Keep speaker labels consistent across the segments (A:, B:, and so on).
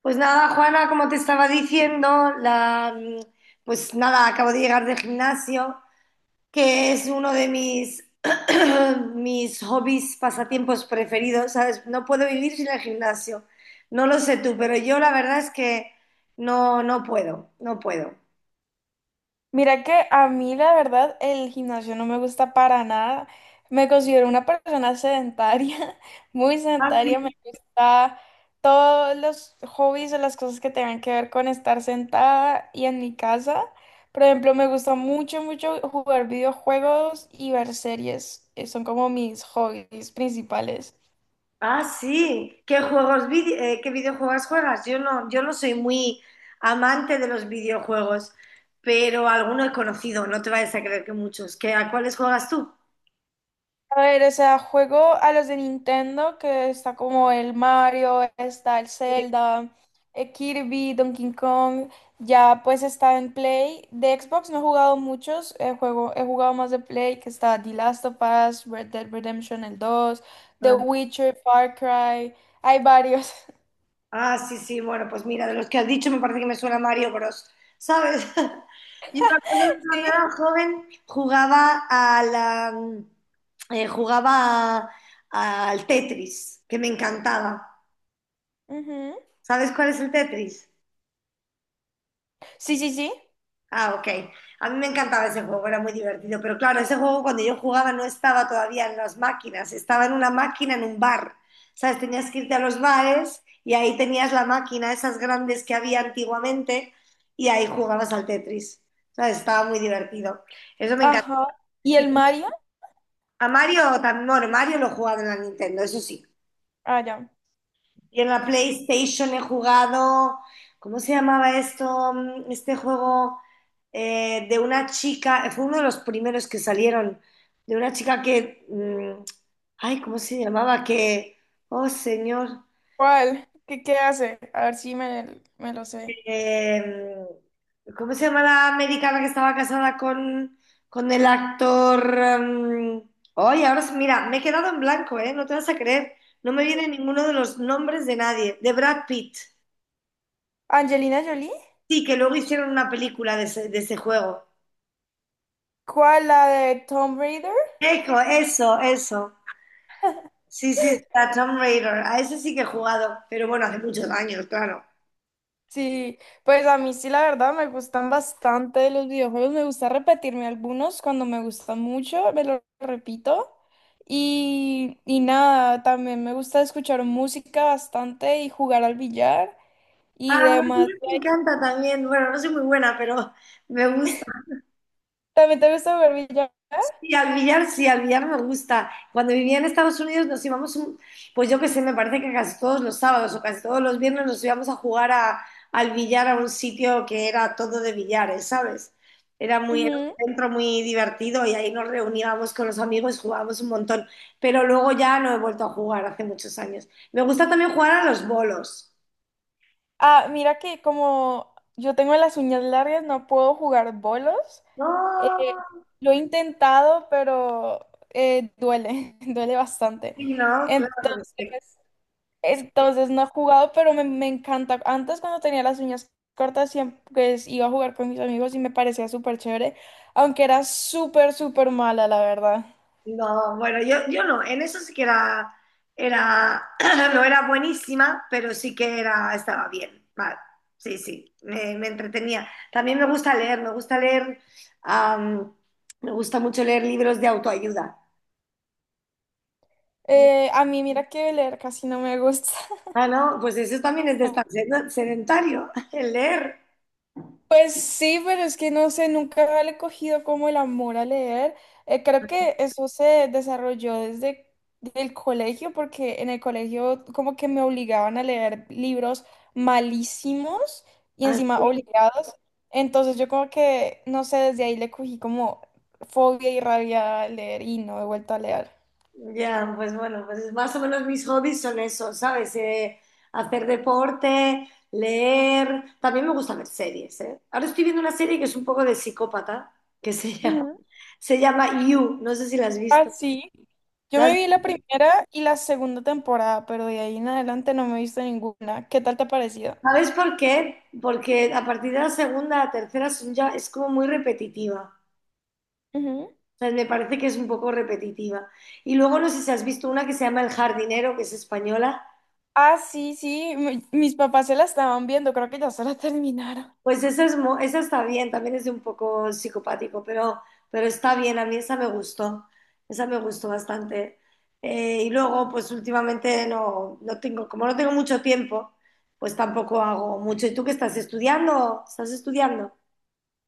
A: Pues nada, Juana, como te estaba diciendo, pues nada, acabo de llegar del gimnasio, que es uno de mis, mis hobbies, pasatiempos preferidos, ¿sabes? No puedo vivir sin el gimnasio. No lo sé tú, pero yo la verdad es que no puedo, no puedo.
B: Mira que a mí la verdad el gimnasio no me gusta para nada. Me considero una persona sedentaria, muy
A: Ah,
B: sedentaria. Me
A: sí.
B: gusta todos los hobbies o las cosas que tengan que ver con estar sentada y en mi casa. Por ejemplo, me gusta mucho, mucho jugar videojuegos y ver series. Son como mis hobbies principales.
A: Ah, sí. ¿Qué juegos, qué videojuegos juegas? Yo no soy muy amante de los videojuegos, pero alguno he conocido, no te vayas a creer que muchos. ¿Qué, a cuáles juegas tú?
B: A ver, o sea, juego a los de Nintendo, que está como el Mario, está el
A: Sí.
B: Zelda, Kirby, Donkey Kong, ya pues está en Play. De Xbox no he jugado muchos, he jugado más de Play, que está The Last of Us, Red Dead Redemption el dos, The
A: Ah,
B: Witcher, Far Cry, hay varios.
A: ah, sí, sí, bueno, pues mira, de los que has dicho me parece que me suena Mario Bros, ¿sabes? Yo me acuerdo que cuando
B: Sí.
A: era joven jugaba a jugaba al Tetris, que me encantaba.
B: Ujú.
A: ¿Sabes cuál es el Tetris?
B: Sí, sí, sí.
A: Ah, ok. A mí me encantaba ese juego, era muy divertido. Pero claro, ese juego cuando yo jugaba no estaba todavía en las máquinas, estaba en una máquina en un bar. ¿Sabes? Tenías que irte a los bares y ahí tenías la máquina, esas grandes que había antiguamente, y ahí jugabas al Tetris. ¿Sabes? Estaba muy divertido. Eso me encanta.
B: Ajá. ¿Y
A: Y
B: el Mario?
A: a Mario también, bueno, Mario lo jugaba en la Nintendo, eso sí.
B: Ah, ya.
A: Y en la PlayStation he jugado, ¿cómo se llamaba esto? Este juego de una chica, fue uno de los primeros que salieron, de una chica que, ay, ¿cómo se llamaba? Que, oh señor,
B: ¿Cuál? ¿Qué hace? A ver si me lo sé.
A: eh, ¿cómo se llama la americana que estaba casada con el actor? Ay, ahora sí, mira, me he quedado en blanco, ¿eh? No te vas a creer, no me viene ninguno de los nombres de nadie, de Brad Pitt.
B: ¿Angelina Jolie?
A: Sí, que luego hicieron una película de ese juego.
B: ¿Cuál? ¿La de Tomb Raider?
A: Eco, eso, eso. Sí, sí, sí, Tomb Raider. A ese sí que he jugado, pero bueno, hace muchos años, claro.
B: Sí, pues a mí sí la verdad me gustan bastante los videojuegos, me gusta repetirme algunos cuando me gustan mucho, me lo repito y nada, también me gusta escuchar música bastante y jugar al billar y
A: Ah, a mí
B: demás.
A: me encanta también. Bueno, no soy muy buena, pero me gusta.
B: ¿También te gusta jugar billar?
A: Y al billar, sí, al billar me gusta. Cuando vivía en Estados Unidos nos íbamos, pues yo qué sé, me parece que casi todos los sábados o casi todos los viernes nos íbamos a jugar al billar a un sitio que era todo de billares, ¿sabes? Era muy, era un
B: Ujú.
A: centro muy divertido y ahí nos reuníamos con los amigos, y jugábamos un montón. Pero luego ya no he vuelto a jugar hace muchos años. Me gusta también jugar a los bolos.
B: Ah, mira que como yo tengo las uñas largas, no puedo jugar bolos. Eh,
A: No,
B: lo he intentado, pero duele, duele bastante.
A: sí, no, claro.
B: Entonces, entonces no he jugado, pero me encanta. Antes cuando tenía las uñas cortas, siempre pues, iba a jugar con mis amigos y me parecía súper chévere, aunque era súper, súper mala, la verdad.
A: No, bueno, yo no, en eso sí que era, era, no era buenísima, pero sí que era, estaba bien, vale, sí, sí, me entretenía. También me gusta leer, me gusta leer, am, me gusta mucho leer libros de autoayuda.
B: A mí mira que leer casi no me gusta.
A: Ah, no, pues eso también es de estar sedentario, el leer.
B: Pues sí, pero es que no sé, nunca le he cogido como el amor a leer. Creo que eso se desarrolló desde el colegio, porque en el colegio como que me obligaban a leer libros malísimos y encima
A: Así.
B: obligados. Entonces yo como que, no sé, desde ahí le cogí como fobia y rabia a leer y no he vuelto a leer.
A: Ya, pues bueno, pues más o menos mis hobbies son esos, ¿sabes? Hacer deporte, leer. También me gusta ver series, ¿eh? Ahora estoy viendo una serie que es un poco de psicópata, que se llama,
B: Ujú.
A: se llama You. No sé si la has
B: Ah,
A: visto.
B: sí. Yo
A: ¿La
B: me vi la primera y la segunda temporada, pero de ahí en adelante no me he visto ninguna. ¿Qué tal te ha parecido?
A: ¿Sabes por qué? Porque a partir de la segunda, la tercera son ya, es como muy repetitiva.
B: Ujú.
A: O sea, me parece que es un poco repetitiva. Y luego no sé si has visto una que se llama El jardinero, que es española.
B: Ah, sí, sí, mis papás se la estaban viendo, creo que ya se la terminaron.
A: Pues esa, es, esa está bien, también es de un poco psicopático, pero está bien, a mí esa me gustó bastante. Y luego, pues últimamente no tengo, como no tengo mucho tiempo, pues tampoco hago mucho. ¿Y tú qué estás estudiando? ¿Estás estudiando?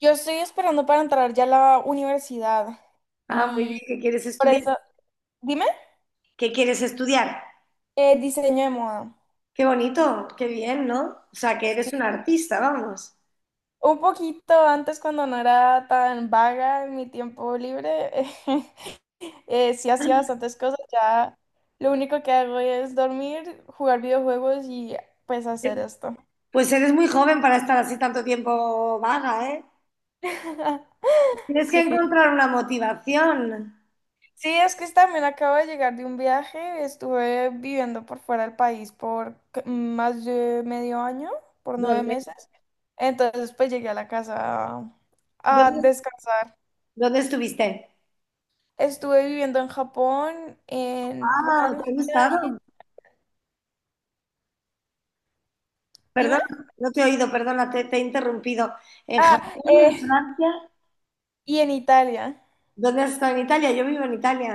B: Yo estoy esperando para entrar ya a la universidad
A: Ah, muy bien,
B: y
A: ¿qué quieres
B: por
A: estudiar?
B: eso, dime,
A: ¿Qué quieres estudiar?
B: diseño de moda.
A: Qué bonito, qué bien, ¿no? O sea, que eres
B: Sí.
A: un artista, vamos.
B: Un poquito antes cuando no era tan vaga en mi tiempo libre, sí hacía bastantes cosas, ya lo único que hago es dormir, jugar videojuegos y pues hacer esto.
A: Pues eres muy joven para estar así tanto tiempo vaga, ¿eh? Tienes que
B: Sí.
A: encontrar una motivación.
B: Sí, es que también acabo de llegar de un viaje, estuve viviendo por fuera del país por más de medio año, por nueve
A: ¿Dónde?
B: meses, entonces pues llegué a la casa a
A: ¿Dónde,
B: descansar.
A: ¿dónde estuviste?
B: Estuve viviendo en Japón, en
A: Ah,
B: Francia,
A: ¿te ha
B: y-
A: gustado?
B: dime,
A: Perdón, no te he oído, perdona, te he interrumpido. ¿En
B: ah,
A: Japón, en
B: eh,
A: Francia?
B: y en Italia,
A: ¿Dónde has estado en Italia? Yo vivo en Italia.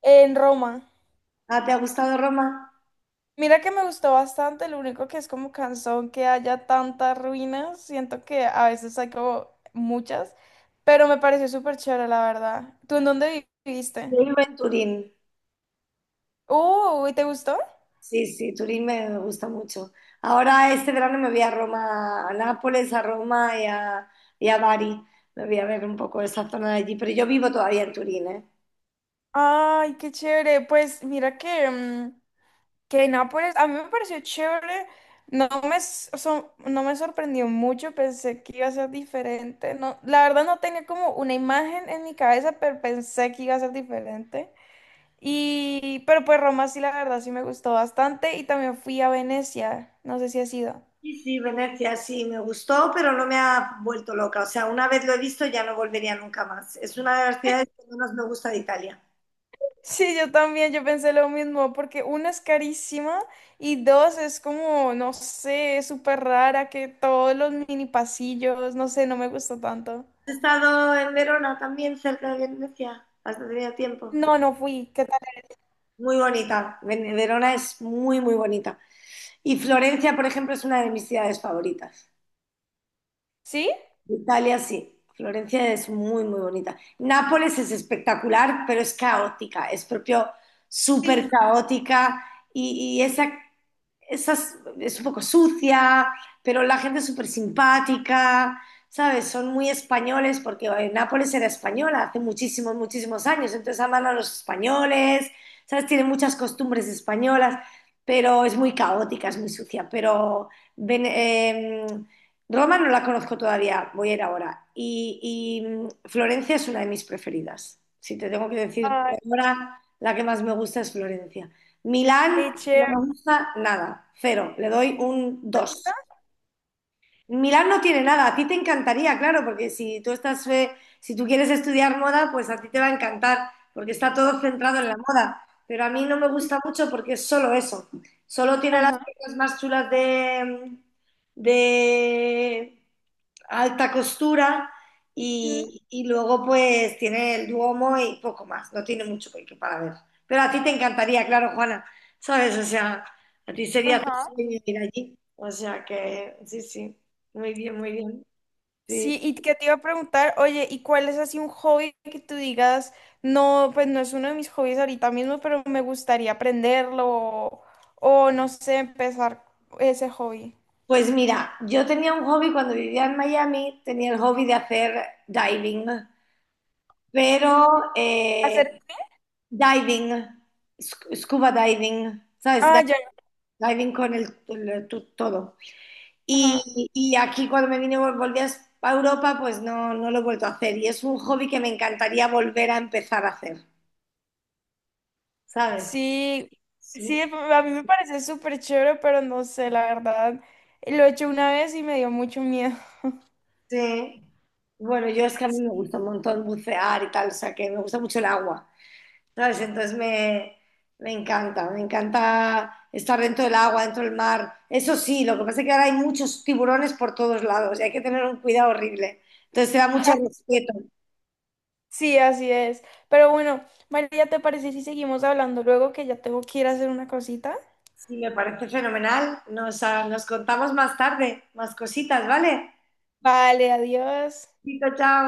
B: en Roma.
A: Ah, ¿te ha gustado Roma?
B: Mira que me gustó bastante, lo único que es como cansón que haya tantas ruinas, siento que a veces hay como muchas, pero me pareció súper chévere, la verdad. ¿Tú en dónde viviste?
A: Yo vivo en Turín.
B: ¿Y te gustó?
A: Sí, sí, Turín me gusta mucho. Ahora este verano me voy a Roma, a Nápoles, a Roma y a Bari. Me voy a ver un poco esa zona de allí, pero yo vivo todavía en Turín, ¿eh?
B: Ay, qué chévere. Pues mira que, que Nápoles, a mí me pareció chévere. No me sorprendió mucho, pensé que iba a ser diferente. No, la verdad no tenía como una imagen en mi cabeza, pero pensé que iba a ser diferente. Pero pues Roma sí, la verdad sí me gustó bastante y también fui a Venecia, no sé si has ido.
A: Sí, sí, Venecia, sí, me gustó, pero no me ha vuelto loca. O sea, una vez lo he visto, ya no volvería nunca más. Es una de las ciudades que menos me gusta de Italia.
B: Sí, yo también, yo pensé lo mismo, porque una es carísima y dos es como, no sé, súper rara, que todos los mini pasillos, no sé, no me gustó tanto.
A: ¿Has estado en Verona también, cerca de Venecia? ¿Has tenido tiempo?
B: No, no fui, ¿qué tal?
A: Muy bonita. Ven- Verona es muy, muy bonita. Y Florencia, por ejemplo, es una de mis ciudades favoritas.
B: ¿Sí?
A: Italia, sí. Florencia es muy, muy bonita. Nápoles es espectacular, pero es caótica. Es propio súper
B: Sí.
A: caótica. Y, y esa esas, es un poco sucia, pero la gente es súper simpática, ¿sabes? Son muy españoles porque Nápoles era española hace muchísimos, muchísimos años, entonces aman a los españoles, ¿sabes? Tienen muchas costumbres españolas, pero es muy caótica, es muy sucia, pero Ven- eh, Roma no la conozco todavía, voy a ir ahora. Florencia es una de mis preferidas. Si te tengo que decir,
B: Ay,
A: por ahora la que más me gusta es Florencia. Milán
B: qué
A: no
B: chévere,
A: me gusta nada, cero, le doy un
B: ¿te gusta?
A: dos. Milán no tiene nada, a ti te encantaría, claro, porque si tú estás, si tú quieres estudiar moda, pues a ti te va a encantar, porque está todo centrado en la
B: Sí.
A: moda. Pero a mí no me gusta mucho porque es solo eso. Solo tiene las
B: Ajá.
A: piezas más chulas de alta costura
B: Ujú.
A: y luego pues tiene el Duomo y poco más. No tiene mucho para ver. Pero a ti te encantaría, claro, Juana, ¿sabes? O sea, a ti sería tu
B: Ajá.
A: sueño ir allí. O sea que sí, sí. Muy bien, muy bien. Sí.
B: Sí, y que te iba a preguntar, oye, ¿y cuál es así un hobby que tú digas, no, pues no es uno de mis hobbies ahorita mismo, pero me gustaría aprenderlo o no sé, empezar ese hobby?
A: Pues mira, yo tenía un hobby cuando vivía en Miami, tenía el hobby de hacer diving, pero
B: Mm,
A: eh,
B: Hacer,
A: diving, scuba diving, ¿sabes?
B: ah, ya,
A: Diving con todo.
B: ajá.
A: Aquí cuando me vine, volví a a Europa, pues no lo he vuelto a hacer. Y es un hobby que me encantaría volver a empezar a hacer, ¿sabes?
B: Sí, sí,
A: Su-
B: a mí me parece súper chévere, pero no sé, la verdad, lo he hecho una vez y me dio mucho miedo.
A: Sí. Bueno, yo es que a mí me gusta un montón bucear y tal, o sea que me gusta mucho el agua. ¿Sabes? Me encanta estar dentro del agua, dentro del mar. Eso sí, lo que pasa es que ahora hay muchos tiburones por todos lados y hay que tener un cuidado horrible. Entonces te da mucho respeto.
B: Sí, así es. Pero bueno, María, ¿te parece si seguimos hablando luego que ya tengo que ir a hacer una cosita?
A: Sí, me parece fenomenal. Nos contamos más tarde, más cositas, ¿vale?
B: Vale, adiós.
A: Chao, chao.